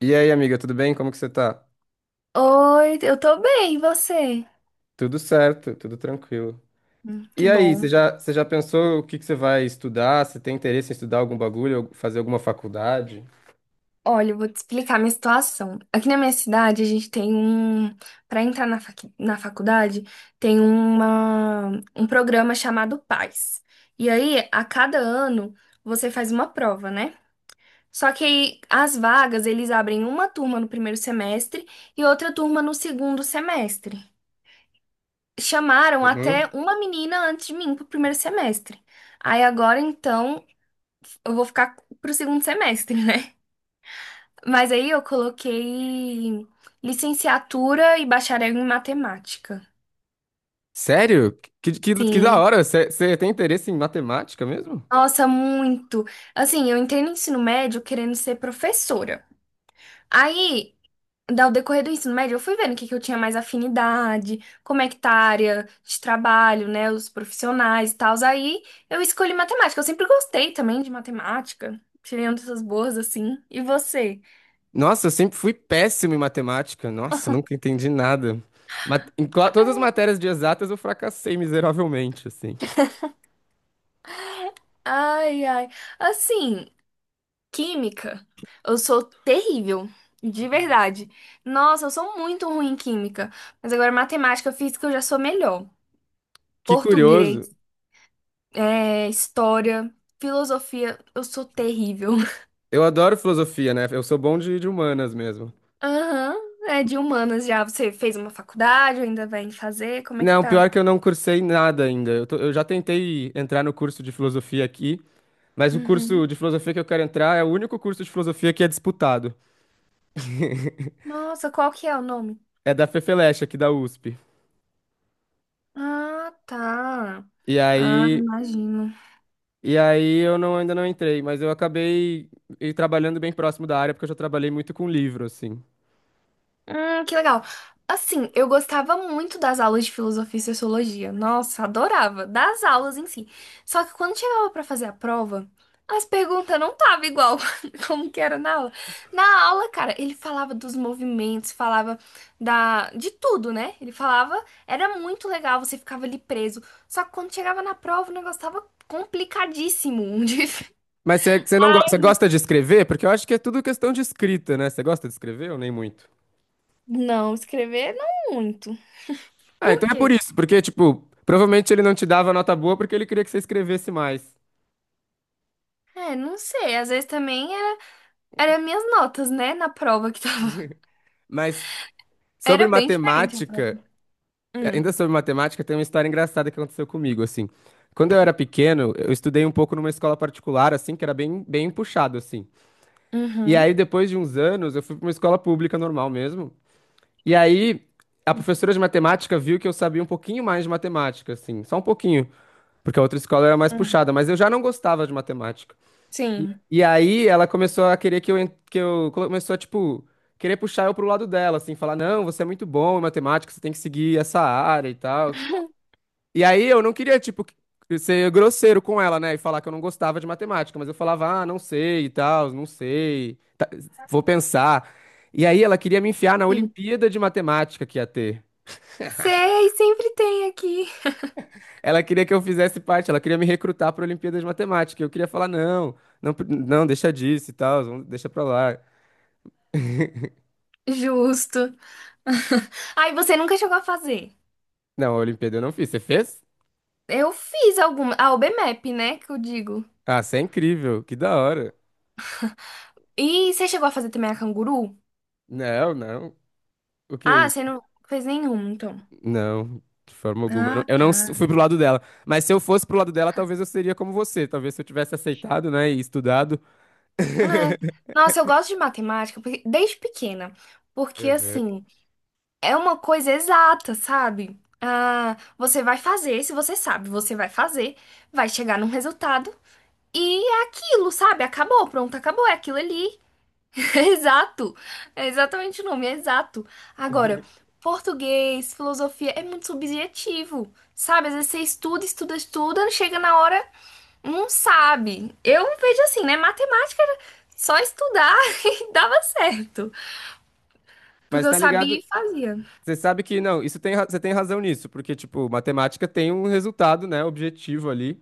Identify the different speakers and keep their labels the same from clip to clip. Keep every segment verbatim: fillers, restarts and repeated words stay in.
Speaker 1: E aí, amiga, tudo bem? Como que você tá?
Speaker 2: Oi, eu tô bem, e você?
Speaker 1: Tudo certo, tudo tranquilo.
Speaker 2: Hum, que
Speaker 1: E aí, você
Speaker 2: bom.
Speaker 1: já, você já pensou o que que você vai estudar? Você tem interesse em estudar algum bagulho, fazer alguma faculdade?
Speaker 2: Olha, eu vou te explicar a minha situação. Aqui na minha cidade, a gente tem um. Para entrar na, facu- na faculdade, tem uma... um programa chamado PAS. E aí, a cada ano, você faz uma prova, né? Só que aí, as vagas, eles abrem uma turma no primeiro semestre e outra turma no segundo semestre. Chamaram até
Speaker 1: Uhum.
Speaker 2: uma menina antes de mim pro primeiro semestre. Aí agora, então, eu vou ficar pro segundo semestre, né? Mas aí eu coloquei licenciatura e bacharel em matemática.
Speaker 1: Sério? Que, que, que da
Speaker 2: Sim.
Speaker 1: hora! Você, você tem interesse em matemática mesmo?
Speaker 2: Nossa, muito. Assim, eu entrei no ensino médio querendo ser professora. Aí, ao decorrer do ensino médio, eu fui vendo o que que eu tinha mais afinidade, como é que tá a área de trabalho, né? Os profissionais e tal. Aí eu escolhi matemática. Eu sempre gostei também de matemática. Tirei uma dessas boas, assim. E você?
Speaker 1: Nossa, eu sempre fui péssimo em matemática. Nossa, nunca entendi nada. Mat- em cla- todas as matérias de exatas eu fracassei miseravelmente, assim.
Speaker 2: Ai, ai. Assim. Química, eu sou terrível, de verdade. Nossa, eu sou muito ruim em química. Mas agora matemática, física eu já sou melhor.
Speaker 1: Que
Speaker 2: Português,
Speaker 1: curioso.
Speaker 2: é, história, filosofia, eu sou terrível.
Speaker 1: Eu adoro filosofia, né? Eu sou bom de de humanas mesmo.
Speaker 2: Aham, é de humanas já. Você fez uma faculdade, ou ainda vai fazer? Como é que
Speaker 1: Não,
Speaker 2: tá?
Speaker 1: pior que eu não cursei nada ainda. Eu, tô- eu já tentei entrar no curso de filosofia aqui, mas o
Speaker 2: Uhum.
Speaker 1: curso de filosofia que eu quero entrar é o único curso de filosofia que é disputado.
Speaker 2: Nossa, qual que é o nome?
Speaker 1: É da Fefeleche, aqui da U S P.
Speaker 2: Ah, tá.
Speaker 1: E
Speaker 2: Ah,
Speaker 1: aí,
Speaker 2: imagino.
Speaker 1: e aí eu não, ainda não entrei, mas eu acabei e- trabalhando bem próximo da área, porque eu já trabalhei muito com livro, assim.
Speaker 2: Hum, que legal. Assim, eu gostava muito das aulas de filosofia e sociologia. Nossa, adorava. Das aulas em si. Só que quando chegava pra fazer a prova, as perguntas não estavam igual como que era na aula. Na aula, cara, ele falava dos movimentos, falava da de tudo, né? Ele falava, era muito legal, você ficava ali preso. Só que quando chegava na prova, o negócio tava complicadíssimo. de-
Speaker 1: Mas você você não go- você gosta de escrever? Porque eu acho que é tudo questão de escrita, né? Você gosta de escrever ou nem muito?
Speaker 2: Não, escrever não muito.
Speaker 1: Ah,
Speaker 2: Por
Speaker 1: então é por
Speaker 2: quê?
Speaker 1: isso, porque, tipo, provavelmente ele não te dava nota boa porque ele queria que você escrevesse mais.
Speaker 2: É, não sei. Às vezes também era minhas notas, né, na prova que tava.
Speaker 1: Mas. Sobre
Speaker 2: Era bem diferente a prova.
Speaker 1: matemática,
Speaker 2: Hum,
Speaker 1: ainda sobre matemática, tem uma história engraçada que aconteceu comigo, assim. Quando eu era pequeno, eu estudei um pouco numa escola particular, assim, que era bem, bem puxado, assim. E
Speaker 2: uhum,
Speaker 1: aí, depois de uns anos, eu fui para uma escola pública normal mesmo. E aí, a professora de matemática viu que eu sabia um pouquinho mais de matemática, assim, só um pouquinho, porque a outra escola era mais
Speaker 2: hum,
Speaker 1: puxada, mas eu já não gostava de matemática. E,
Speaker 2: sim.
Speaker 1: e aí ela começou a querer que eu, en- que eu começou a, tipo, querer puxar eu pro lado dela, assim, falar, não, você é muito bom em matemática, você tem que seguir essa área e tal. E aí eu não queria, tipo, ser grosseiro com ela, né? E falar que eu não gostava de matemática, mas eu falava, ah, não sei e tal, não sei, vou pensar. E aí ela queria me enfiar na
Speaker 2: Sim.
Speaker 1: Olimpíada de Matemática que ia ter.
Speaker 2: Sei, sempre tem aqui.
Speaker 1: Ela queria que eu fizesse parte, ela queria me recrutar para a Olimpíada de Matemática. Eu queria falar, não, não, pre- não, deixa disso e tal, vamos deixa pra lá.
Speaker 2: Justo. Ai, você nunca chegou a fazer.
Speaker 1: Não, a Olimpíada eu não fiz. Você fez?
Speaker 2: Eu fiz alguma. A OBMEP, né, que eu digo.
Speaker 1: Ah, você é incrível. Que da hora.
Speaker 2: E você chegou a fazer também a canguru?
Speaker 1: Não, não. O que é
Speaker 2: Ah,
Speaker 1: isso?
Speaker 2: você não fez nenhum então.
Speaker 1: Não, de forma alguma. Eu não,
Speaker 2: Ah,
Speaker 1: eu não s- fui
Speaker 2: tá.
Speaker 1: pro lado dela. Mas se eu fosse pro lado dela, talvez eu seria como você. Talvez se eu tivesse aceitado, né, e estudado.
Speaker 2: É. Nossa, eu gosto de matemática porque- desde pequena. Porque,
Speaker 1: Uhum.
Speaker 2: assim, é uma coisa exata, sabe? Ah, você vai fazer, se você sabe, você vai fazer, vai chegar num resultado e é aquilo, sabe? Acabou, pronto, acabou, é aquilo ali. Exato. É exatamente o nome, é exato. Agora, português, filosofia é muito subjetivo, sabe? Às vezes você estuda, estuda, estuda, chega na hora, não sabe. Eu vejo assim, né? Matemática era só estudar e dava certo,
Speaker 1: Mas
Speaker 2: porque eu
Speaker 1: tá
Speaker 2: sabia
Speaker 1: ligado?
Speaker 2: e fazia.
Speaker 1: Você sabe que não, isso tem, ra- você tem razão nisso, porque, tipo, matemática tem um resultado, né, objetivo ali.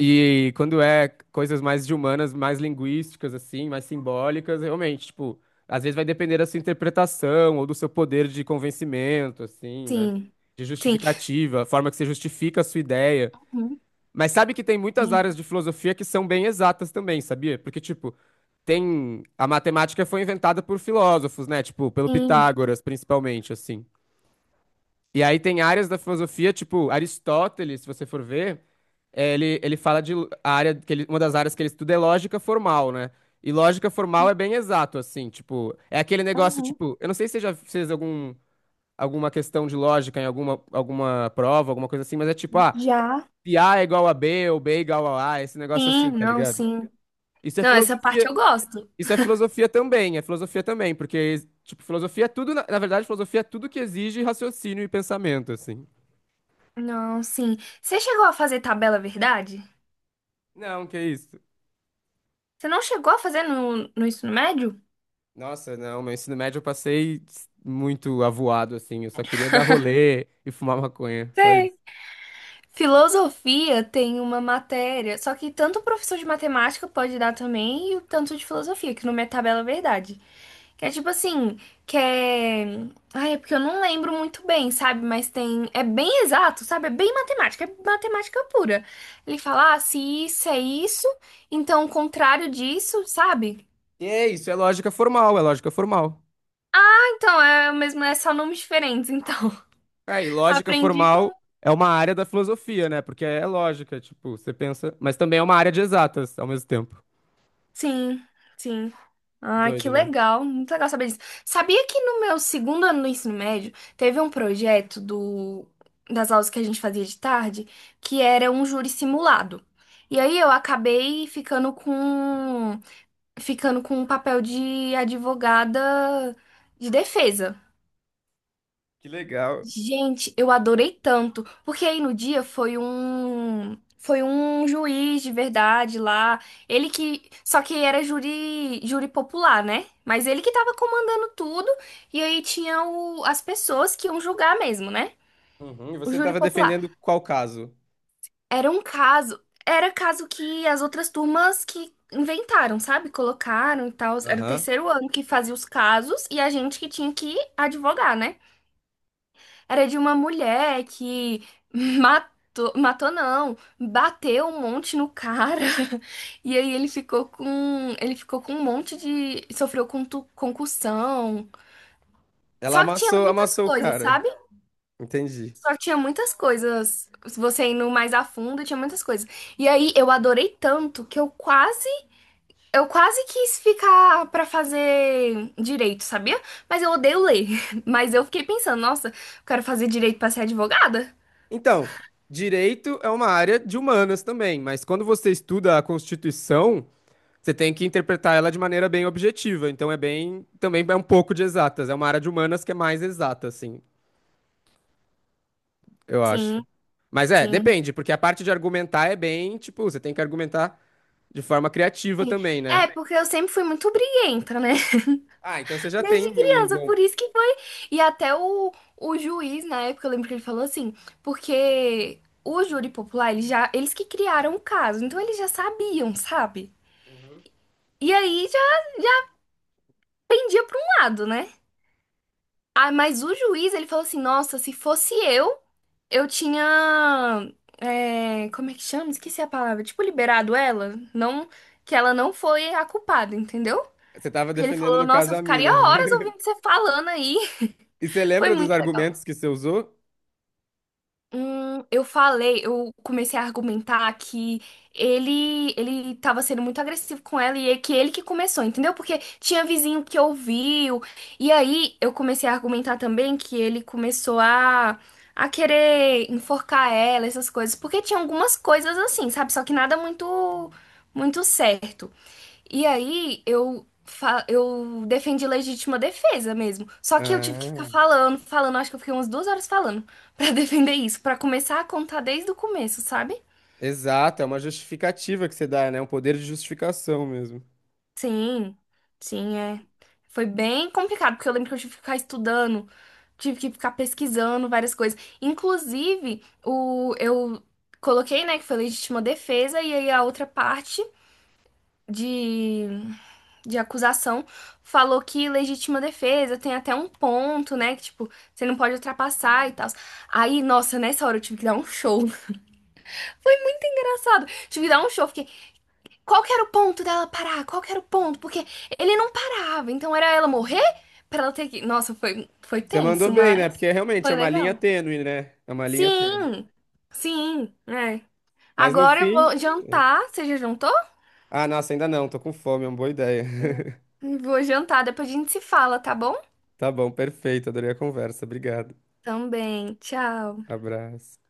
Speaker 1: E quando é coisas mais de humanas, mais linguísticas, assim, mais simbólicas, realmente, tipo, às vezes vai depender da sua interpretação ou do seu poder de convencimento, assim, né?
Speaker 2: Sim,
Speaker 1: De
Speaker 2: sim.
Speaker 1: justificativa, a forma que você justifica a sua ideia.
Speaker 2: Uhum.
Speaker 1: Mas sabe que tem muitas áreas
Speaker 2: Sim,
Speaker 1: de filosofia que são bem exatas também, sabia? Porque, tipo, tem. A matemática foi inventada por filósofos, né? Tipo, pelo
Speaker 2: sim.
Speaker 1: Pitágoras, principalmente, assim. E aí tem áreas da filosofia, tipo Aristóteles, se você for ver, é, ele, ele fala de a área que ele, uma das áreas que ele estuda é lógica formal, né? E lógica formal é bem exato, assim, tipo, é aquele negócio,
Speaker 2: Aham.
Speaker 1: tipo, eu não sei se você já fez algum, alguma questão de lógica em alguma, alguma prova, alguma coisa assim, mas é tipo, ah,
Speaker 2: Já.
Speaker 1: se A é igual a B ou B é igual a A, esse negócio
Speaker 2: Sim,
Speaker 1: assim, tá
Speaker 2: não,
Speaker 1: ligado?
Speaker 2: sim.
Speaker 1: Isso é
Speaker 2: Não, essa parte
Speaker 1: filosofia,
Speaker 2: eu gosto.
Speaker 1: isso é filosofia também, é filosofia também, porque, tipo, filosofia é tudo, na, na verdade, filosofia é tudo que exige raciocínio e pensamento, assim.
Speaker 2: Não, sim. Você chegou a fazer tabela verdade?
Speaker 1: Não, que isso.
Speaker 2: Você não chegou a fazer no, no ensino médio?
Speaker 1: Nossa, não, meu ensino médio eu passei muito avoado, assim. Eu só queria dar rolê e fumar maconha, só isso.
Speaker 2: Sei. Filosofia tem uma matéria, só que tanto o professor de matemática pode dar também, e o tanto de filosofia, que não é tabela verdade. Que é tipo assim, que é. Ai, é porque eu não lembro muito bem, sabe? Mas tem. É bem exato, sabe? É bem matemática, é matemática pura. Ele fala, ah, se isso é isso, então o contrário disso, sabe?
Speaker 1: E é isso, é lógica formal, é lógica formal.
Speaker 2: Então, é o mesmo, é só nomes diferentes, então.
Speaker 1: É, e lógica
Speaker 2: Aprendi com
Speaker 1: formal é uma área da filosofia, né? Porque é lógica, tipo, você pensa. Mas também é uma área de exatas ao mesmo tempo.
Speaker 2: sim, sim. Ah, que
Speaker 1: Doido, né?
Speaker 2: legal, muito legal saber disso. Sabia que no meu segundo ano do ensino médio teve um projeto do, das aulas que a gente fazia de tarde que era um júri simulado. E aí eu acabei ficando com ficando com um papel de advogada de defesa.
Speaker 1: Que legal.
Speaker 2: Gente, eu adorei tanto, porque aí no dia foi um foi um juiz de verdade lá, ele que só que era júri júri popular, né? Mas ele que tava comandando tudo e aí tinha o, as pessoas que iam julgar mesmo, né?
Speaker 1: Uhum, e
Speaker 2: O
Speaker 1: você
Speaker 2: júri
Speaker 1: tava
Speaker 2: popular.
Speaker 1: defendendo qual caso?
Speaker 2: Era um caso, era caso que as outras turmas que inventaram, sabe? Colocaram e tal, era o
Speaker 1: Aham.
Speaker 2: terceiro ano que fazia os casos e a gente que tinha que advogar, né? Era de uma mulher que matou, matou não, bateu um monte no cara. E aí ele ficou com, ele ficou com um monte de, sofreu com concussão.
Speaker 1: Ela
Speaker 2: Só que tinha
Speaker 1: amassou,
Speaker 2: muitas
Speaker 1: amassou o
Speaker 2: coisas,
Speaker 1: cara.
Speaker 2: sabe?
Speaker 1: Entendi.
Speaker 2: Só que tinha muitas coisas. Você indo mais a fundo, tinha muitas coisas. E aí eu adorei tanto que eu quase, eu quase quis ficar pra fazer direito, sabia? Mas eu odeio ler. Mas eu fiquei pensando, nossa, eu quero fazer direito pra ser advogada.
Speaker 1: Então, direito é uma área de humanas também, mas quando você estuda a Constituição, você tem que interpretar ela de maneira bem objetiva. Então é bem, também é um pouco de exatas. É uma área de humanas que é mais exata, assim, eu acho.
Speaker 2: Sim,
Speaker 1: Mas é,
Speaker 2: sim.
Speaker 1: depende, porque a parte de argumentar é bem, tipo, você tem que argumentar de forma criativa também, né?
Speaker 2: É, porque eu sempre fui muito briguenta, né?
Speaker 1: Ah, então você já tem
Speaker 2: Desde
Speaker 1: um
Speaker 2: criança,
Speaker 1: bom.
Speaker 2: por isso que foi. E até o, o juiz, na época, eu lembro que ele falou assim, porque o júri popular, eles já, eles que criaram o caso, então eles já sabiam, sabe? E aí já pendia pra um lado, né? Ah, mas o juiz, ele falou assim, nossa, se fosse eu, eu tinha, é, como é que chama? Esqueci a palavra. Tipo, liberado ela, não, que ela não foi a culpada, entendeu?
Speaker 1: Você estava
Speaker 2: Porque ele
Speaker 1: defendendo
Speaker 2: falou,
Speaker 1: no
Speaker 2: nossa,
Speaker 1: caso
Speaker 2: eu
Speaker 1: a mina.
Speaker 2: ficaria horas ouvindo você falando aí.
Speaker 1: E você
Speaker 2: Foi
Speaker 1: lembra dos
Speaker 2: muito legal.
Speaker 1: argumentos que você usou?
Speaker 2: Hum, eu falei, eu comecei a argumentar que ele ele tava sendo muito agressivo com ela e é que ele que começou, entendeu? Porque tinha vizinho que ouviu. E aí eu comecei a argumentar também que ele começou a a querer enforcar ela, essas coisas, porque tinha algumas coisas assim, sabe? Só que nada muito muito certo. E aí eu, fa- eu defendi legítima defesa mesmo. Só que eu tive que ficar
Speaker 1: Ah.
Speaker 2: falando, falando, acho que eu fiquei umas duas horas falando pra defender isso, pra começar a contar desde o começo, sabe?
Speaker 1: Exato, é uma justificativa que você dá, né? Um poder de justificação mesmo.
Speaker 2: Sim, sim, é. Foi bem complicado, porque eu lembro que eu tive que ficar estudando, tive que ficar pesquisando várias coisas. Inclusive, o, eu coloquei, né, que foi legítima defesa, e aí a outra parte de de acusação, falou que legítima defesa tem até um ponto, né? Que, tipo, você não pode ultrapassar e tal. Aí, nossa, nessa hora eu tive que dar um show. Foi engraçado. Tive que dar um show. Fiquei, qual que era o ponto dela parar? Qual que era o ponto? Porque ele não parava. Então, era ela morrer pra ela ter que... Nossa, foi, foi
Speaker 1: Você mandou
Speaker 2: tenso,
Speaker 1: bem, né?
Speaker 2: mas
Speaker 1: Porque realmente é
Speaker 2: foi
Speaker 1: uma linha
Speaker 2: legal.
Speaker 1: tênue, né? É uma linha tênue.
Speaker 2: Sim, sim, é.
Speaker 1: Mas no
Speaker 2: Agora eu
Speaker 1: fim.
Speaker 2: vou
Speaker 1: É.
Speaker 2: jantar. Você já jantou?
Speaker 1: Ah, nossa, ainda não, tô com fome, é uma boa ideia.
Speaker 2: Vou jantar. Depois a gente se fala, tá bom?
Speaker 1: Tá bom, perfeito, adorei a conversa, obrigado.
Speaker 2: Também. Tchau.
Speaker 1: Abraço.